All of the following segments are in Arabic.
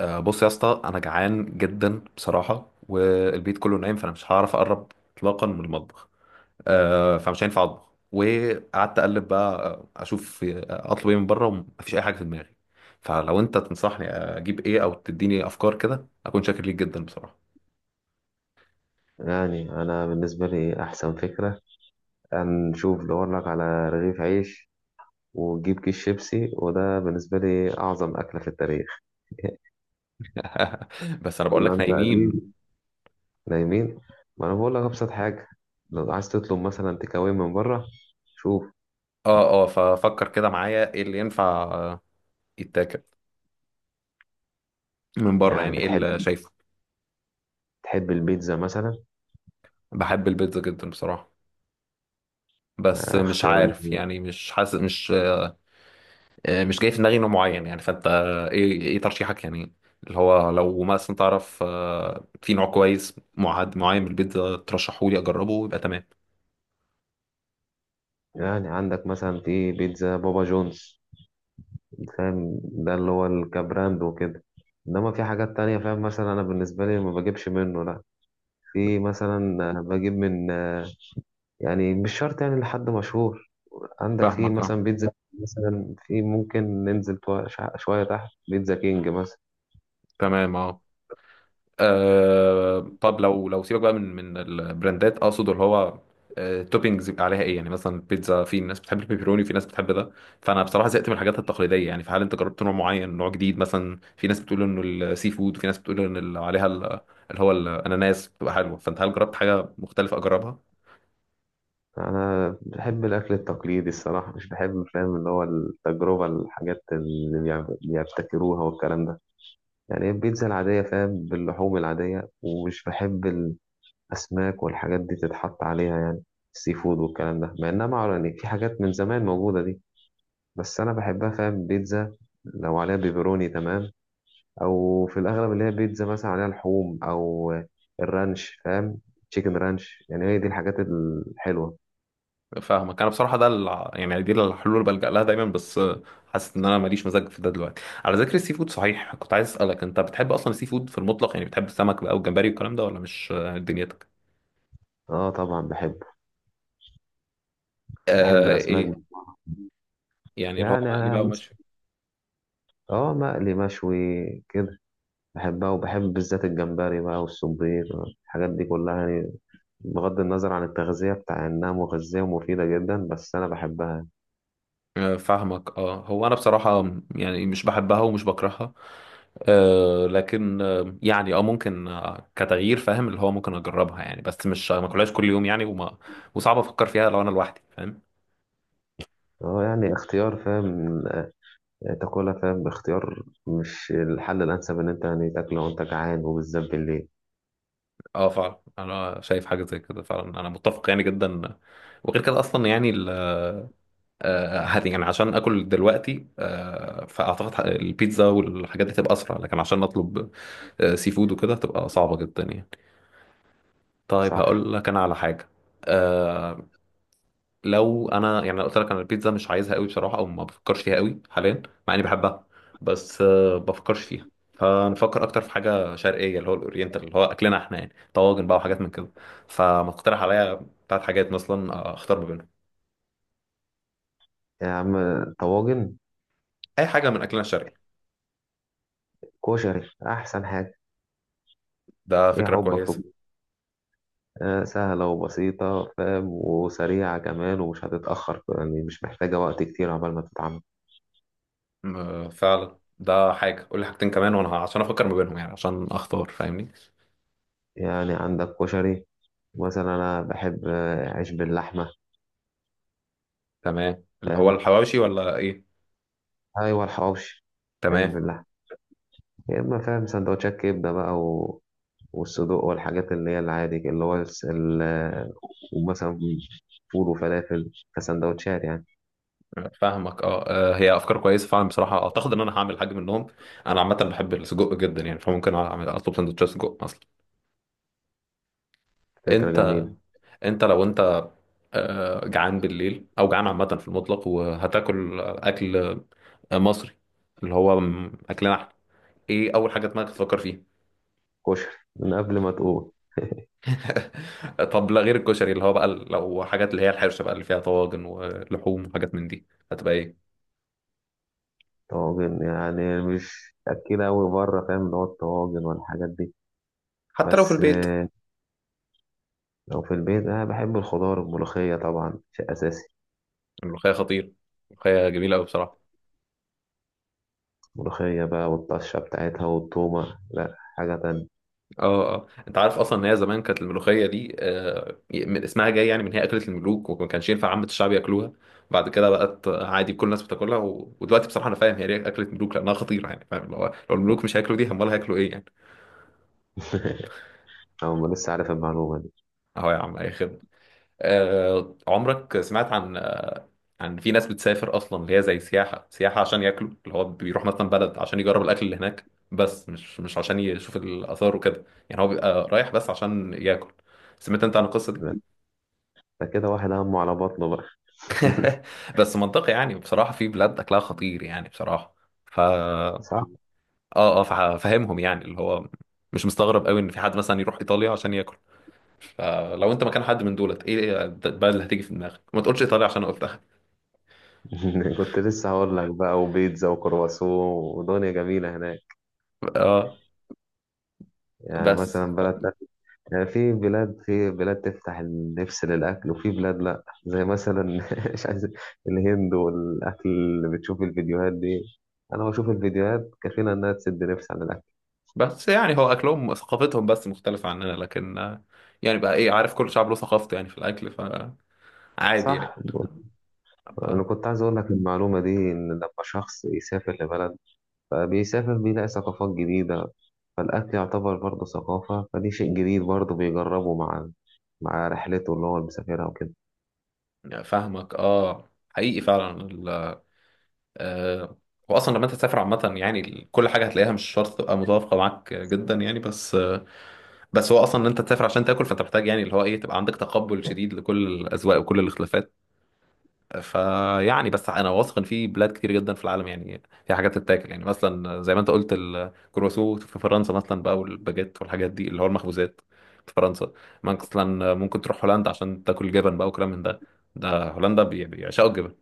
بص يا اسطى انا جعان جدا بصراحه، والبيت كله نايم، فانا مش هعرف اقرب اطلاقا من المطبخ. فمش هينفع اطبخ. وقعدت اقلب بقى اشوف اطلب ايه من بره، ومفيش اي حاجه في دماغي. فلو انت تنصحني اجيب ايه او تديني افكار كده، اكون شاكر ليك جدا بصراحه. يعني أنا بالنسبة لي أحسن فكرة أن نشوف دور لك على رغيف عيش، وتجيب كيس شيبسي. وده بالنسبة لي أعظم أكلة في التاريخ. بس انا بقول إلا لك أنت نايمين. قديم. نايمين. ما أنا بقول لك أبسط حاجة، لو عايز تطلب مثلا تيك أواي من بره. شوف، اه اه، ففكر كده معايا ايه اللي ينفع يتاكل من بره، يعني يعني ايه اللي بتحب شايفه؟ تحب البيتزا مثلا؟ بحب البيتزا جدا بصراحه، بس مش اختيار عارف جميل. يعني، مش حاسس، مش جاي في دماغي نوع معين يعني. فانت ايه ايه ترشيحك يعني؟ اللي هو لو مثلا تعرف في نوع كويس معد معين من البيتزا ترشحه لي اجربه، يبقى تمام. يعني عندك مثلا في بيتزا بابا جونز، فاهم؟ ده اللي هو الكبراند وكده. انما في حاجات تانية فاهم، مثلا انا بالنسبة لي ما بجيبش منه، لا. في مثلا بجيب من، يعني مش شرط يعني لحد مشهور. عندك في فاهمك اه. مثلا بيتزا، مثلا في ممكن ننزل شوية تحت بيتزا كينج مثلا. تمام اه. آه، طب لو لو سيبك بقى من البراندات، اقصد اللي هو آه، توبينجز يبقى عليها ايه يعني؟ مثلا البيتزا في ناس بتحب البيبروني، في ناس بتحب ده. فانا بصراحه زهقت من الحاجات التقليديه يعني. فهل انت جربت نوع معين، نوع جديد؟ مثلا في ناس بتقول انه السي فود، وفي ناس بتقول ان ال- عليها ال- اللي هو الاناناس بتبقى حلوه. فانت هل جربت حاجه مختلفه اجربها؟ أنا بحب الأكل التقليدي الصراحة، مش بحب فاهم اللي هو التجربة، الحاجات اللي بيبتكروها والكلام ده. يعني البيتزا العادية فاهم، باللحوم العادية، ومش بحب الأسماك والحاجات دي تتحط عليها يعني، السي فود والكلام ده. مع إنها معروفة، يعني في حاجات من زمان موجودة دي. بس أنا بحبها فاهم، بيتزا لو عليها بيبروني تمام، او في الاغلب اللي هي بيتزا مثلا عليها لحوم، او الرانش فاهم، تشيكن رانش. يعني هي دي الحاجات الحلوه. فاهمك. انا بصراحه ده الع- يعني دي الحلول اللي بلجأ لها دايما، بس حاسس ان انا ماليش مزاج في ده دلوقتي. على ذكر السي فود، صحيح كنت عايز اسالك، انت بتحب اصلا السي فود في المطلق؟ يعني بتحب السمك بقى والجمبري والكلام ده، ولا مش دنيتك؟ اه طبعا بحب آه الاسماك. ايه. يعني اللي هو يعني مقلي انا بقى ومشوي؟ اه مقلي مشوي كده. بحبها، وبحب بالذات الجمبري بقى والسبيط، الحاجات دي كلها يعني. بغض النظر عن التغذية بتاع انها مغذية ومفيدة جدا، بس انا بحبها. فاهمك اه. هو انا بصراحه يعني مش بحبها ومش بكرهها. آه، لكن آه يعني اه ممكن آه كتغيير، فاهم اللي هو، ممكن اجربها يعني، بس مش ما اكلهاش كل يوم يعني. وما وصعب افكر فيها لو انا لوحدي، فاهم؟ اه يعني اختيار فاهم، تاكلها. فاهم اختيار مش الحل الانسب ان انت يعني تاكله وانت جعان، وبالذات بالليل. اه فعلا، انا شايف حاجه زي كده فعلا، انا متفق يعني جدا. وغير كده اصلا يعني ال هت- يعني عشان اكل دلوقتي، فاعتقد ح- البيتزا والحاجات دي تبقى اسرع. لكن عشان اطلب سي فود وكده، تبقى صعبه جدا يعني. طيب صح. هقول لك انا على حاجه. آه، لو انا يعني، لو قلت لك انا البيتزا مش عايزها قوي بصراحه، او ما بفكرش فيها قوي حاليا، مع اني بحبها، بس بفكرش فيها. فنفكر اكتر في حاجه شرقيه، اللي هو الاورينتال، اللي هو اكلنا احنا يعني، طواجن بقى وحاجات من كده. فما تقترح عليا ثلاث حاجات مثلا اختار ما بينهم؟ يا عم طواجن، اي حاجه من اكلنا الشرقي. كشري أحسن حاجة. ده إيه فكره حبك في؟ كويسه. آه سهلة وبسيطة فاهم، وسريعة كمان، ومش هتتأخر يعني، مش محتاجة وقت كتير عبال ما تتعمل. م- فعلا ده حاجه. قول لي حاجتين كمان وانا ه- عشان افكر ما بينهم يعني، عشان اختار، فاهمني؟ يعني عندك كشري، مثلا أنا بحب عيش باللحمة. تمام، اللي هو الحواوشي ولا ايه؟ أيوة الحواوشي. عيش تمام. باللحمة، يا إما فاهم سندوتشات كبدة بقى والصدوق والحاجات اللي هي العادي اللي هو ومثلا فول وفلافل كسندوتشات يعني. فاهمك اه. هي افكار كويسه فعلا بصراحه، اعتقد ان انا هعمل حاجه منهم. انا عامه بحب السجق جدا يعني، فممكن اعمل اطلب سندوتشات سجق اصلا. فكرة انت، جميلة. انت لو انت جعان بالليل، او جعان عامه في المطلق، وهتاكل اكل مصري، اللي هو م- اكلنا احنا، ايه اول حاجه دماغك تفكر فيها؟ كشري، من قبل ما تقول. طب لا، غير الكشري، اللي هو بقى ال- لو حاجات اللي هي الحرشه بقى، اللي فيها طواجن ولحوم وحاجات من دي، هتبقى ايه؟ طواجن يعني مش أكيد أوي بره، فاهم اللي هو الطواجن والحاجات دي. حتى لو في بس البيت. لو في البيت أنا بحب الخضار، الملوخية طبعا شيء أساسي. الملوخيه خطير. الملوخيه جميله قوي بصراحه. ملوخية بقى والطشة بتاعتها والتومة، لأ حاجة تانية. اه اه، انت عارف اصلا ان هي زمان كانت الملوخيه دي آه، من اسمها جاي يعني، من هي اكله الملوك، وما كانش ينفع عامه الشعب ياكلوها؟ بعد كده بقت عادي كل الناس بتاكلها، و... ودلوقتي بصراحه انا فاهم هي ليه اكله ملوك، لانها خطيره يعني. فاهم، لو الملوك مش هياكلوا دي، امال هياكلوا ايه يعني؟ أو ما لسه عارف المعلومة دي. اهو يا عم، اي خدمه. آه، عمرك سمعت عن، عن في ناس بتسافر اصلا اللي هي زي سياحه، سياحه عشان ياكلوا؟ اللي هو بيروح مثلا بلد عشان يجرب الاكل اللي هناك، بس مش مش عشان يشوف الاثار وكده. يعني هو بيبقى رايح بس عشان ياكل. سمعت انت عن القصه دي؟ ده كده واحد همه على بطنه بقى. بس منطقي يعني، بصراحة في بلاد أكلها خطير يعني بصراحة. فا صح. آه آه، فا- فاهمهم يعني، اللي هو مش مستغرب قوي إن في حد مثلا يروح إيطاليا عشان ياكل. فلو أنت مكان حد من دولت، إيه البلد اللي هتيجي في دماغك؟ ما تقولش إيطاليا عشان أنا قلتها. كنت لسه هقول لك بقى، وبيتزا وكرواسون، ودنيا جميلة هناك. آه. يعني بس، مثلا بلد، يعني في بلاد تفتح النفس للأكل، وفي بلاد لأ، زي مثلا مش عايز الهند، والأكل اللي بتشوف الفيديوهات دي. أنا بشوف الفيديوهات كفيلة إنها تسد نفس عن الأكل. بس يعني هو أكلهم، ثقافتهم بس مختلفة عننا، لكن يعني بقى إيه، عارف، كل شعب له ثقافته يعني في الأكل، فعادي يعني. صح. أنا آه، كنت عايز أقول لك المعلومة دي، إن لما شخص يسافر لبلد فبيسافر بيلاقي ثقافات جديدة، فالأكل يعتبر برضه ثقافة، فدي شيء جديد برضه بيجربه مع رحلته اللي هو مسافرها وكده. فاهمك آه، حقيقي فعلا. آه، واصلا لما انت تسافر عامه يعني، ال- كل حاجه هتلاقيها مش شرط تبقى متوافقه معاك جدا يعني. بس بس هو اصلا ان انت تسافر عشان تاكل، فانت محتاج يعني اللي هو ايه، تبقى عندك تقبل شديد لكل الاذواق وكل الاختلافات. فيعني، بس انا واثق ان في بلاد كتير جدا في العالم يعني، في حاجات تتاكل. يعني مثلا زي ما انت قلت الكرواسو في فرنسا مثلا بقى، والباجيت والحاجات دي اللي هو المخبوزات في فرنسا. مثلا ممكن تروح هولندا عشان تاكل جبن بقى وكلام من ده. ده هولندا بي- بيعشقوا الجبن،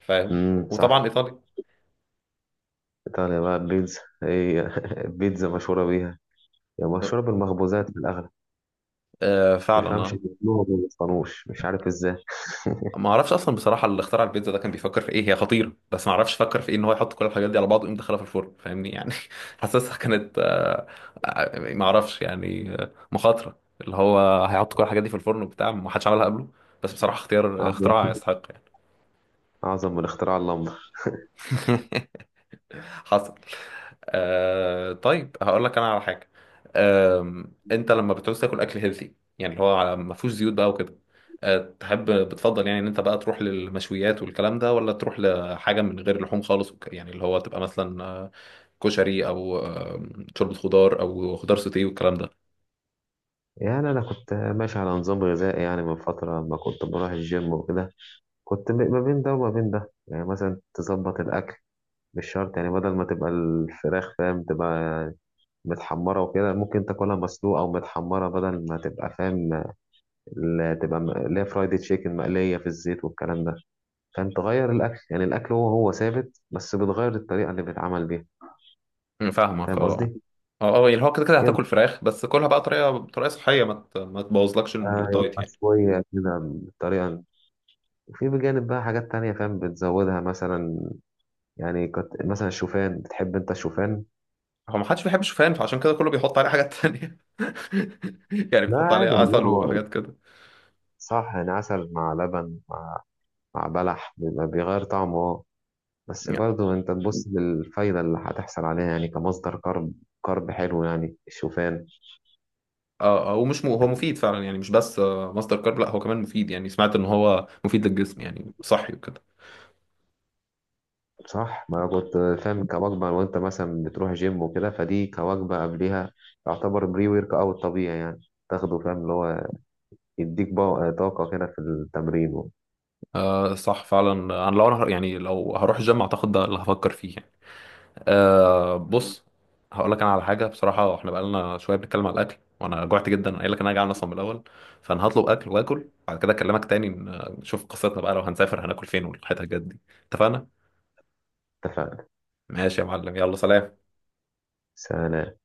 فاهم؟ صح. وطبعا ايطاليا. إيطاليا بقى البيتزا هي البيتزا مشهورة بيها، يعني مشروب المخبوزات في الأغلب. فعلا تفهمش اه. بيعملوها وما بيصنعوش، مش عارف إزاي. ما اعرفش اصلا بصراحه اللي اخترع البيتزا ده كان بيفكر في ايه. هي خطيره، بس ما اعرفش فكر في ايه ان هو يحط كل الحاجات دي على بعض ويقوم دخلها في الفرن، فاهمني يعني؟ حاسسها كانت ما اعرفش يعني، مخاطره اللي هو هيحط كل الحاجات دي في الفرن وبتاع، ما حدش عملها قبله. بس بصراحه اختيار، أعظم. اختراع يستحق أعظم من اختراع اللمبة. يعني. حصل. آه، طيب هقول لك انا على حاجه. آه، انت لما بتعوز تاكل اكل هيلثي يعني، اللي هو على- ما فيهوش زيوت بقى وكده، آه، تحب بتفضل يعني ان انت بقى تروح للمشويات والكلام ده، ولا تروح لحاجه من غير لحوم خالص وك- يعني اللي هو تبقى مثلا كشري، او شوربه خضار، او خضار سوتيه والكلام ده؟ يعني أنا كنت ماشي على نظام غذائي يعني من فترة لما كنت بروح الجيم وكده. كنت ما بين ده وما بين ده. يعني مثلا تظبط الأكل، مش شرط يعني بدل ما تبقى الفراخ فاهم تبقى متحمرة وكده، ممكن تاكلها مسلوقة أو متحمرة، بدل ما تبقى فاهم تبقى اللي هي فرايد تشيكن مقلية في الزيت والكلام ده. فاهم تغير الأكل، يعني الأكل هو هو ثابت، بس بتغير الطريقة اللي بيتعمل بيها. فاهمك فاهم اه. قصدي؟ اه اه، يعني هو كده كده كده هتاكل فراخ، بس كلها بقى طريقه صحيه، ما ت- ما تبوظلكش الدايت يبقى يعني. شوية كده بطريقة، وفي بجانب بقى حاجات تانية فاهم بتزودها، مثلا يعني مثلا الشوفان، بتحب انت الشوفان؟ هو ما حدش بيحب الشوفان، فعشان كده كله بيحط عليه حاجات تانية. يعني لا بيحط عليه عادي والله، عسل هو وحاجات كده صح، يعني عسل مع لبن، مع بلح، بيبقى بيغير طعمه اه. بس يعني. برضه انت تبص للفايدة اللي هتحصل عليها، يعني كمصدر كرب. كرب حلو يعني الشوفان. اه، ومش م... هو مفيد فعلا يعني، مش بس مصدر كارب، لا هو كمان مفيد يعني. سمعت ان هو مفيد للجسم يعني، صحي وكده. صح، ما انا كنت فاهم كوجبة، وانت مثلا بتروح جيم وكده، فدي كوجبة قبليها. يعتبر بري ورك اوت طبيعي يعني، تاخده فاهم اللي هو يديك بقى طاقة كده في التمرين. آه صح فعلا. انا لو انا ه- يعني لو هروح الجيم، اعتقد ده اللي هفكر فيه يعني. آه بص، هقول لك انا على حاجه بصراحه. احنا بقالنا شويه بنتكلم على الاكل وانا جوعت جدا، أنا قايل لك انا جعان اصلا من الاول. فانا هطلب اكل، واكل بعد كده اكلمك تاني ن- نشوف قصتنا بقى، لو هنسافر هناكل فين، والحته الجد دي. اتفقنا؟ اتفقنا. ماشي يا معلم، يلا سلام. سلام.